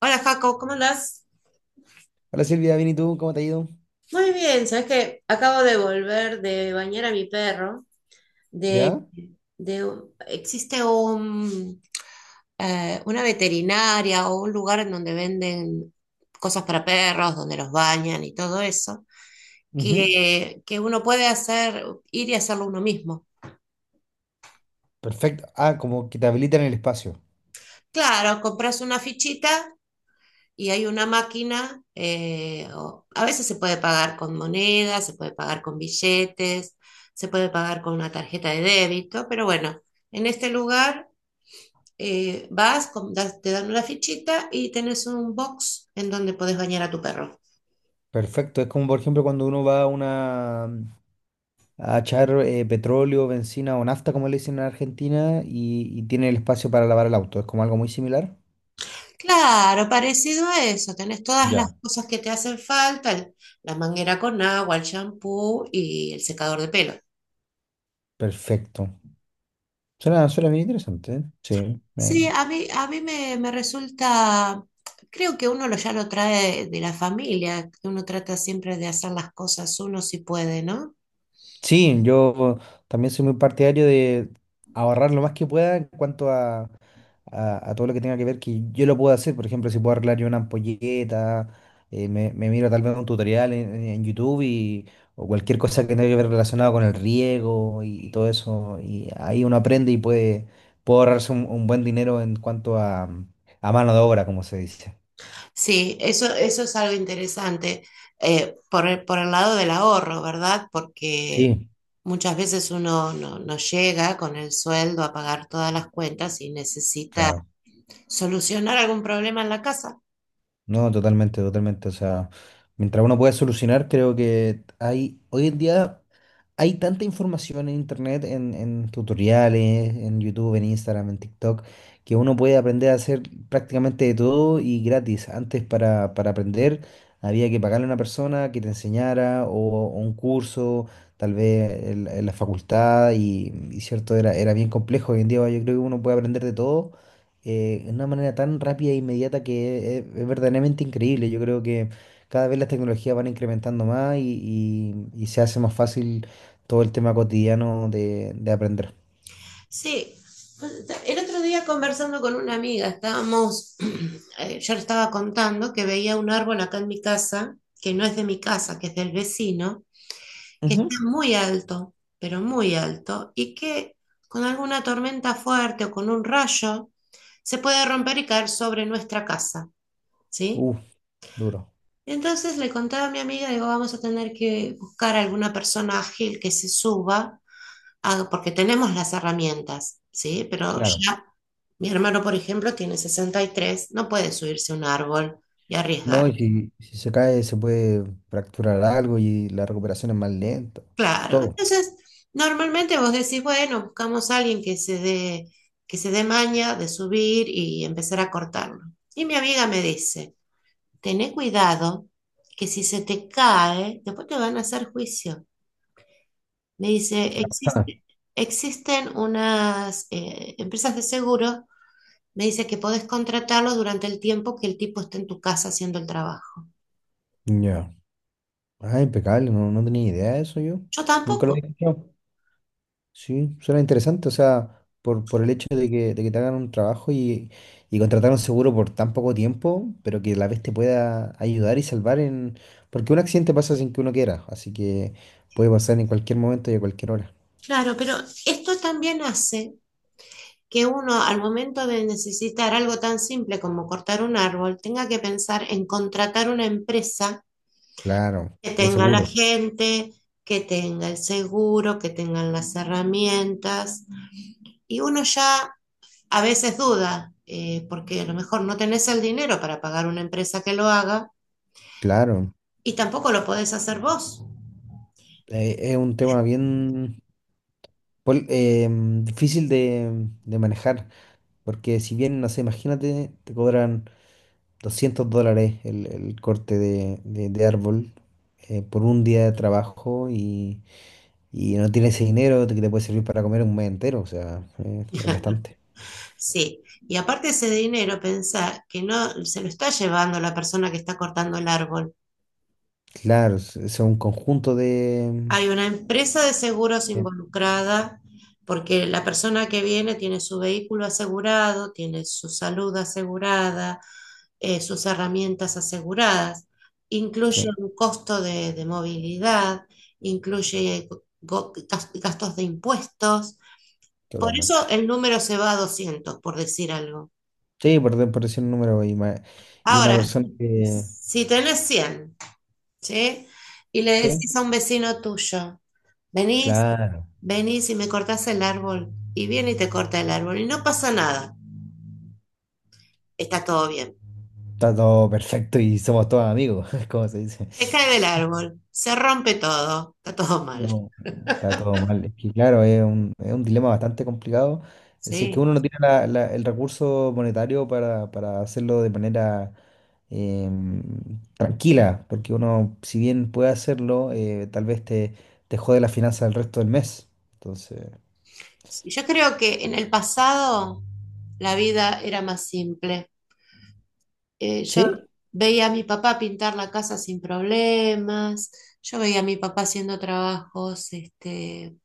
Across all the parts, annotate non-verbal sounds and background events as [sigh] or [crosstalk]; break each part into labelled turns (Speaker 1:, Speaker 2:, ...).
Speaker 1: Hola Jaco, ¿cómo andás?
Speaker 2: Hola Silvia, bien y tú, ¿cómo te ha ido?
Speaker 1: Muy bien, sabes que acabo de volver de bañar a mi perro. De,
Speaker 2: ¿Ya?
Speaker 1: de, existe un, una veterinaria o un lugar en donde venden cosas para perros, donde los bañan y todo eso,
Speaker 2: Ujú.
Speaker 1: que uno puede hacer, ir y hacerlo uno mismo.
Speaker 2: Perfecto. Ah, como que te habilitan el espacio.
Speaker 1: Claro, compras una fichita y hay una máquina, a veces se puede pagar con monedas, se puede pagar con billetes, se puede pagar con una tarjeta de débito, pero bueno, en este lugar, vas, te dan una fichita y tenés un box en donde podés bañar a tu perro.
Speaker 2: Perfecto. Es como, por ejemplo, cuando uno va a una a echar petróleo, benzina o nafta, como le dicen en Argentina, y tiene el espacio para lavar el auto. Es como algo muy similar.
Speaker 1: Claro, parecido a eso, tenés todas las
Speaker 2: Ya.
Speaker 1: cosas que te hacen falta, la manguera con agua, el shampoo y el secador de pelo.
Speaker 2: Perfecto. Suena bien interesante. ¿Eh? Sí.
Speaker 1: Sí, a mí me resulta, creo que uno ya lo trae de la familia, que uno trata siempre de hacer las cosas uno si puede, ¿no?
Speaker 2: Sí, yo también soy muy partidario de ahorrar lo más que pueda en cuanto a, a todo lo que tenga que ver que yo lo puedo hacer. Por ejemplo, si puedo arreglar yo una ampolleta, me miro tal vez un tutorial en YouTube y, o cualquier cosa que tenga que ver relacionado con el riego y todo eso. Y ahí uno aprende y puede, puede ahorrarse un buen dinero en cuanto a mano de obra, como se dice.
Speaker 1: Sí, eso es algo interesante, por el lado del ahorro, ¿verdad? Porque
Speaker 2: Sí.
Speaker 1: muchas veces uno no llega con el sueldo a pagar todas las cuentas y necesita
Speaker 2: Claro.
Speaker 1: solucionar algún problema en la casa.
Speaker 2: No, totalmente, totalmente. O sea, mientras uno pueda solucionar, creo que hay hoy en día. Hay tanta información en internet, en tutoriales, en YouTube, en Instagram, en TikTok, que uno puede aprender a hacer prácticamente de todo y gratis. Antes para aprender había que pagarle a una persona que te enseñara o un curso, tal vez en la facultad y cierto, era bien complejo. Hoy en día yo creo que uno puede aprender de todo de una manera tan rápida e inmediata que es verdaderamente increíble. Yo creo que cada vez las tecnologías van incrementando más y y se hace más fácil todo el tema cotidiano de aprender.
Speaker 1: Sí, pues, el otro día conversando con una amiga, [clears throat] yo le estaba contando que veía un árbol acá en mi casa, que no es de mi casa, que es del vecino, que está
Speaker 2: Ujú.
Speaker 1: muy alto, pero muy alto, y que con alguna tormenta fuerte o con un rayo se puede romper y caer sobre nuestra casa, ¿sí?
Speaker 2: Uf, duro.
Speaker 1: Entonces le contaba a mi amiga, digo, vamos a tener que buscar alguna persona ágil que se suba, porque tenemos las herramientas, ¿sí? Pero
Speaker 2: Claro.
Speaker 1: ya mi hermano, por ejemplo, tiene 63, no puede subirse a un árbol y
Speaker 2: No,
Speaker 1: arriesgar.
Speaker 2: y si se cae se puede fracturar algo y la recuperación es más lenta.
Speaker 1: Claro,
Speaker 2: Todo.
Speaker 1: entonces normalmente vos decís, bueno, buscamos a alguien que se dé maña de subir y empezar a cortarlo. Y mi amiga me dice, tené cuidado que si se te cae, después te van a hacer juicio. Me dice,
Speaker 2: Ah,
Speaker 1: Existen unas empresas de seguro, me dice que podés contratarlo durante el tiempo que el tipo esté en tu casa haciendo el trabajo."
Speaker 2: ya. Ah, impecable, no, no tenía idea de eso yo.
Speaker 1: Yo
Speaker 2: Nunca lo había
Speaker 1: tampoco.
Speaker 2: escuchado. Sí, suena interesante, o sea, por el hecho de que te hagan un trabajo y contratar un seguro por tan poco tiempo, pero que a la vez te pueda ayudar y salvar en... Porque un accidente pasa sin que uno quiera, así que puede pasar en cualquier momento y a cualquier hora.
Speaker 1: Claro, pero esto también hace que uno al momento de necesitar algo tan simple como cortar un árbol, tenga que pensar en contratar una empresa
Speaker 2: Claro,
Speaker 1: que
Speaker 2: de
Speaker 1: tenga la
Speaker 2: seguro,
Speaker 1: gente, que tenga el seguro, que tengan las herramientas. Y uno ya a veces duda, porque a lo mejor no tenés el dinero para pagar una empresa que lo haga
Speaker 2: claro.
Speaker 1: y tampoco lo podés hacer vos.
Speaker 2: Es un tema bien difícil de manejar, porque si bien, no sé, imagínate, te cobran $200 el, el corte de árbol por un día de trabajo y no tienes ese dinero que te puede servir para comer un mes entero, o sea, es bastante.
Speaker 1: Sí, y aparte ese dinero, pensá que no se lo está llevando la persona que está cortando el árbol.
Speaker 2: Claro, es un conjunto de...
Speaker 1: Hay una empresa de seguros
Speaker 2: Sí,
Speaker 1: involucrada porque la persona que viene tiene su vehículo asegurado, tiene su salud asegurada, sus herramientas aseguradas. Incluye
Speaker 2: sí,
Speaker 1: un costo de movilidad, incluye go- gastos de impuestos. Por eso
Speaker 2: totalmente.
Speaker 1: el número se va a 200 por decir algo.
Speaker 2: Sí, por, por decir un número y, y una
Speaker 1: Ahora,
Speaker 2: persona
Speaker 1: si
Speaker 2: que...
Speaker 1: si tenés 100, ¿sí? Y le
Speaker 2: Sí.
Speaker 1: decís a un vecino tuyo, venís,
Speaker 2: Claro,
Speaker 1: venís y me cortás el árbol, y viene y te corta el árbol, y no pasa nada, está todo bien.
Speaker 2: está todo perfecto y somos todos amigos, [laughs] como se dice.
Speaker 1: Se cae del árbol, se rompe todo, está todo mal,
Speaker 2: No, está todo mal. Es que claro, es un dilema bastante complicado. Si es que
Speaker 1: ¿sí?
Speaker 2: uno no tiene el recurso monetario para hacerlo de manera tranquila, porque uno, si bien puede hacerlo, tal vez te, te jode la finanza el resto del mes. Entonces,
Speaker 1: Sí, yo creo que en el pasado la vida era más simple. Yo
Speaker 2: sí,
Speaker 1: veía a mi papá pintar la casa sin problemas, yo veía a mi papá haciendo trabajos, este,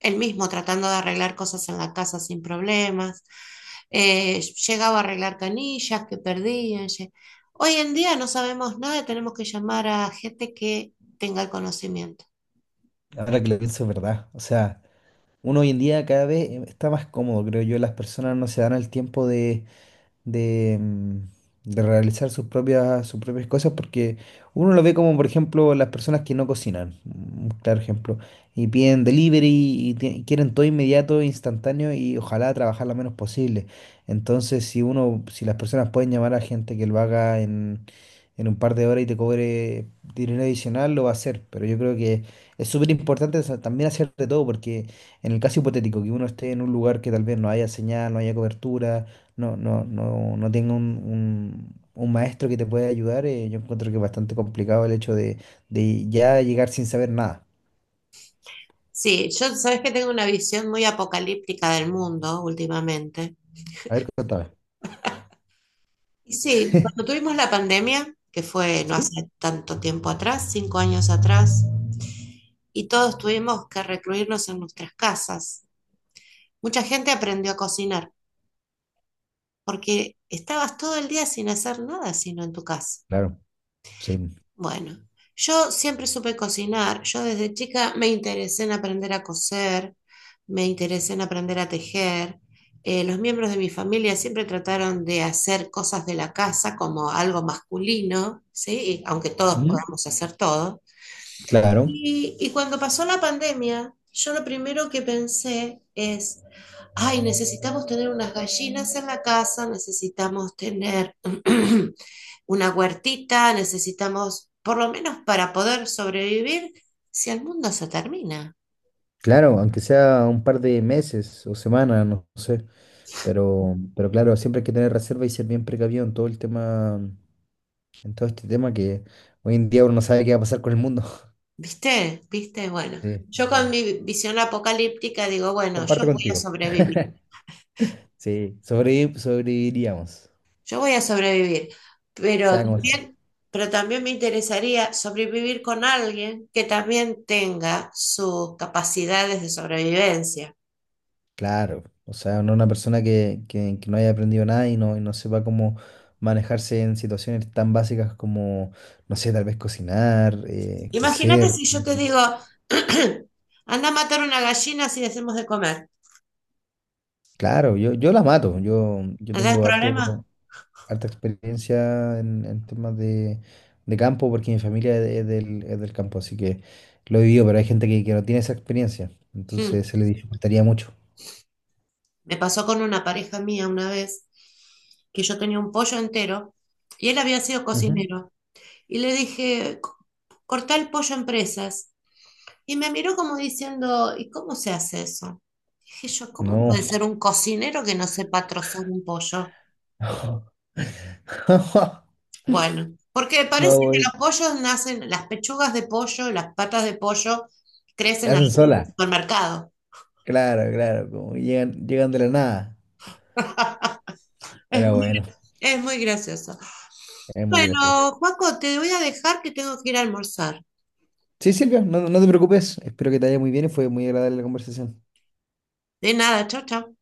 Speaker 1: él mismo tratando de arreglar cosas en la casa sin problemas. Eh, Llegaba a arreglar canillas que perdían. Hoy en día no sabemos nada, tenemos que llamar a gente que tenga el conocimiento.
Speaker 2: ahora que lo pienso es verdad. O sea, uno hoy en día cada vez está más cómodo, creo yo. Las personas no se dan el tiempo de de, mm, de realizar sus propias cosas, porque uno lo ve como, por ejemplo, las personas que no cocinan, un claro ejemplo, y piden delivery y quieren todo inmediato, instantáneo y ojalá trabajar lo menos posible. Entonces, si uno, si las personas pueden llamar a gente que lo haga en un par de horas y te cobre dinero adicional, lo va a hacer, pero yo creo que es súper importante también hacer de todo, porque en el caso hipotético, que uno esté en un lugar que tal vez no haya señal, no haya cobertura, no tenga un, un maestro que te pueda ayudar, yo encuentro que es bastante complicado el hecho de ya llegar sin saber nada.
Speaker 1: Sí, yo sabes que tengo una visión muy apocalíptica del mundo últimamente.
Speaker 2: A ver, contame.
Speaker 1: Y sí, cuando
Speaker 2: [laughs]
Speaker 1: tuvimos la pandemia, que fue no
Speaker 2: Sí,
Speaker 1: hace tanto tiempo atrás, 5 años atrás, y todos tuvimos que recluirnos en nuestras casas, mucha gente aprendió a cocinar, porque estabas todo el día sin hacer nada sino en tu casa.
Speaker 2: claro, sí.
Speaker 1: Bueno, yo siempre supe cocinar. Yo desde chica me interesé en aprender a coser, me interesé en aprender a tejer. Los miembros de mi familia siempre trataron de hacer cosas de la casa como algo masculino, ¿sí? Y aunque todos
Speaker 2: Ujú.
Speaker 1: podamos hacer todo.
Speaker 2: Claro,
Speaker 1: Y cuando pasó la pandemia, yo lo primero que pensé es, ay, necesitamos tener unas gallinas en la casa, necesitamos tener [clears throat] una huertita, necesitamos, por lo menos para poder sobrevivir, si el mundo se termina.
Speaker 2: claro, aunque sea un par de meses o semanas, no sé, pero claro, siempre hay que tener reserva y ser bien precavido en todo el tema, en todo este tema que hoy en día uno no sabe qué va a pasar con el mundo. [laughs]
Speaker 1: ¿Viste? ¿Viste? Bueno,
Speaker 2: Sí,
Speaker 1: yo con
Speaker 2: sí.
Speaker 1: mi visión apocalíptica digo, bueno, yo
Speaker 2: Comparto
Speaker 1: voy a
Speaker 2: contigo.
Speaker 1: sobrevivir,
Speaker 2: Sí, sobreviviríamos,
Speaker 1: yo voy a sobrevivir, pero
Speaker 2: sea como
Speaker 1: también, pero también me interesaría sobrevivir con alguien que también tenga sus capacidades de sobrevivencia.
Speaker 2: claro, o sea, no una persona que, que no haya aprendido nada y no, y no sepa cómo manejarse en situaciones tan básicas como, no sé, tal vez cocinar,
Speaker 1: Imagínate
Speaker 2: coser.
Speaker 1: si yo te digo, [clears throat] anda a matar una gallina si le hacemos de comer.
Speaker 2: Claro, yo la mato, yo,
Speaker 1: ¿No tenés problema?
Speaker 2: harta experiencia en temas de campo porque mi familia es, es del campo, así que lo he vivido, pero hay gente que no tiene esa experiencia,
Speaker 1: Hmm.
Speaker 2: entonces se le dificultaría mucho.
Speaker 1: Me pasó con una pareja mía una vez que yo tenía un pollo entero y él había sido
Speaker 2: Ujú.
Speaker 1: cocinero. Y le dije, Cortá el pollo en presas." Y me miró como diciendo, ¿y cómo se hace eso? Dije yo, ¿cómo
Speaker 2: No,
Speaker 1: puede ser un cocinero que no sepa trozar un pollo?
Speaker 2: [laughs] no,
Speaker 1: Bueno, porque parece que
Speaker 2: no,
Speaker 1: los pollos nacen, las pechugas de pollo, las patas de pollo
Speaker 2: me
Speaker 1: crecen al
Speaker 2: hacen sola.
Speaker 1: supermercado.
Speaker 2: Claro, claro, como llegan, llegan de la nada.
Speaker 1: [laughs] Es
Speaker 2: Pero
Speaker 1: muy,
Speaker 2: bueno,
Speaker 1: es muy gracioso.
Speaker 2: es muy gracioso.
Speaker 1: Bueno, Paco, te voy a dejar que tengo que ir a almorzar.
Speaker 2: Sí, Silvia, no, no te preocupes. Espero que te haya muy bien y fue muy agradable la conversación.
Speaker 1: De nada, chao, chao.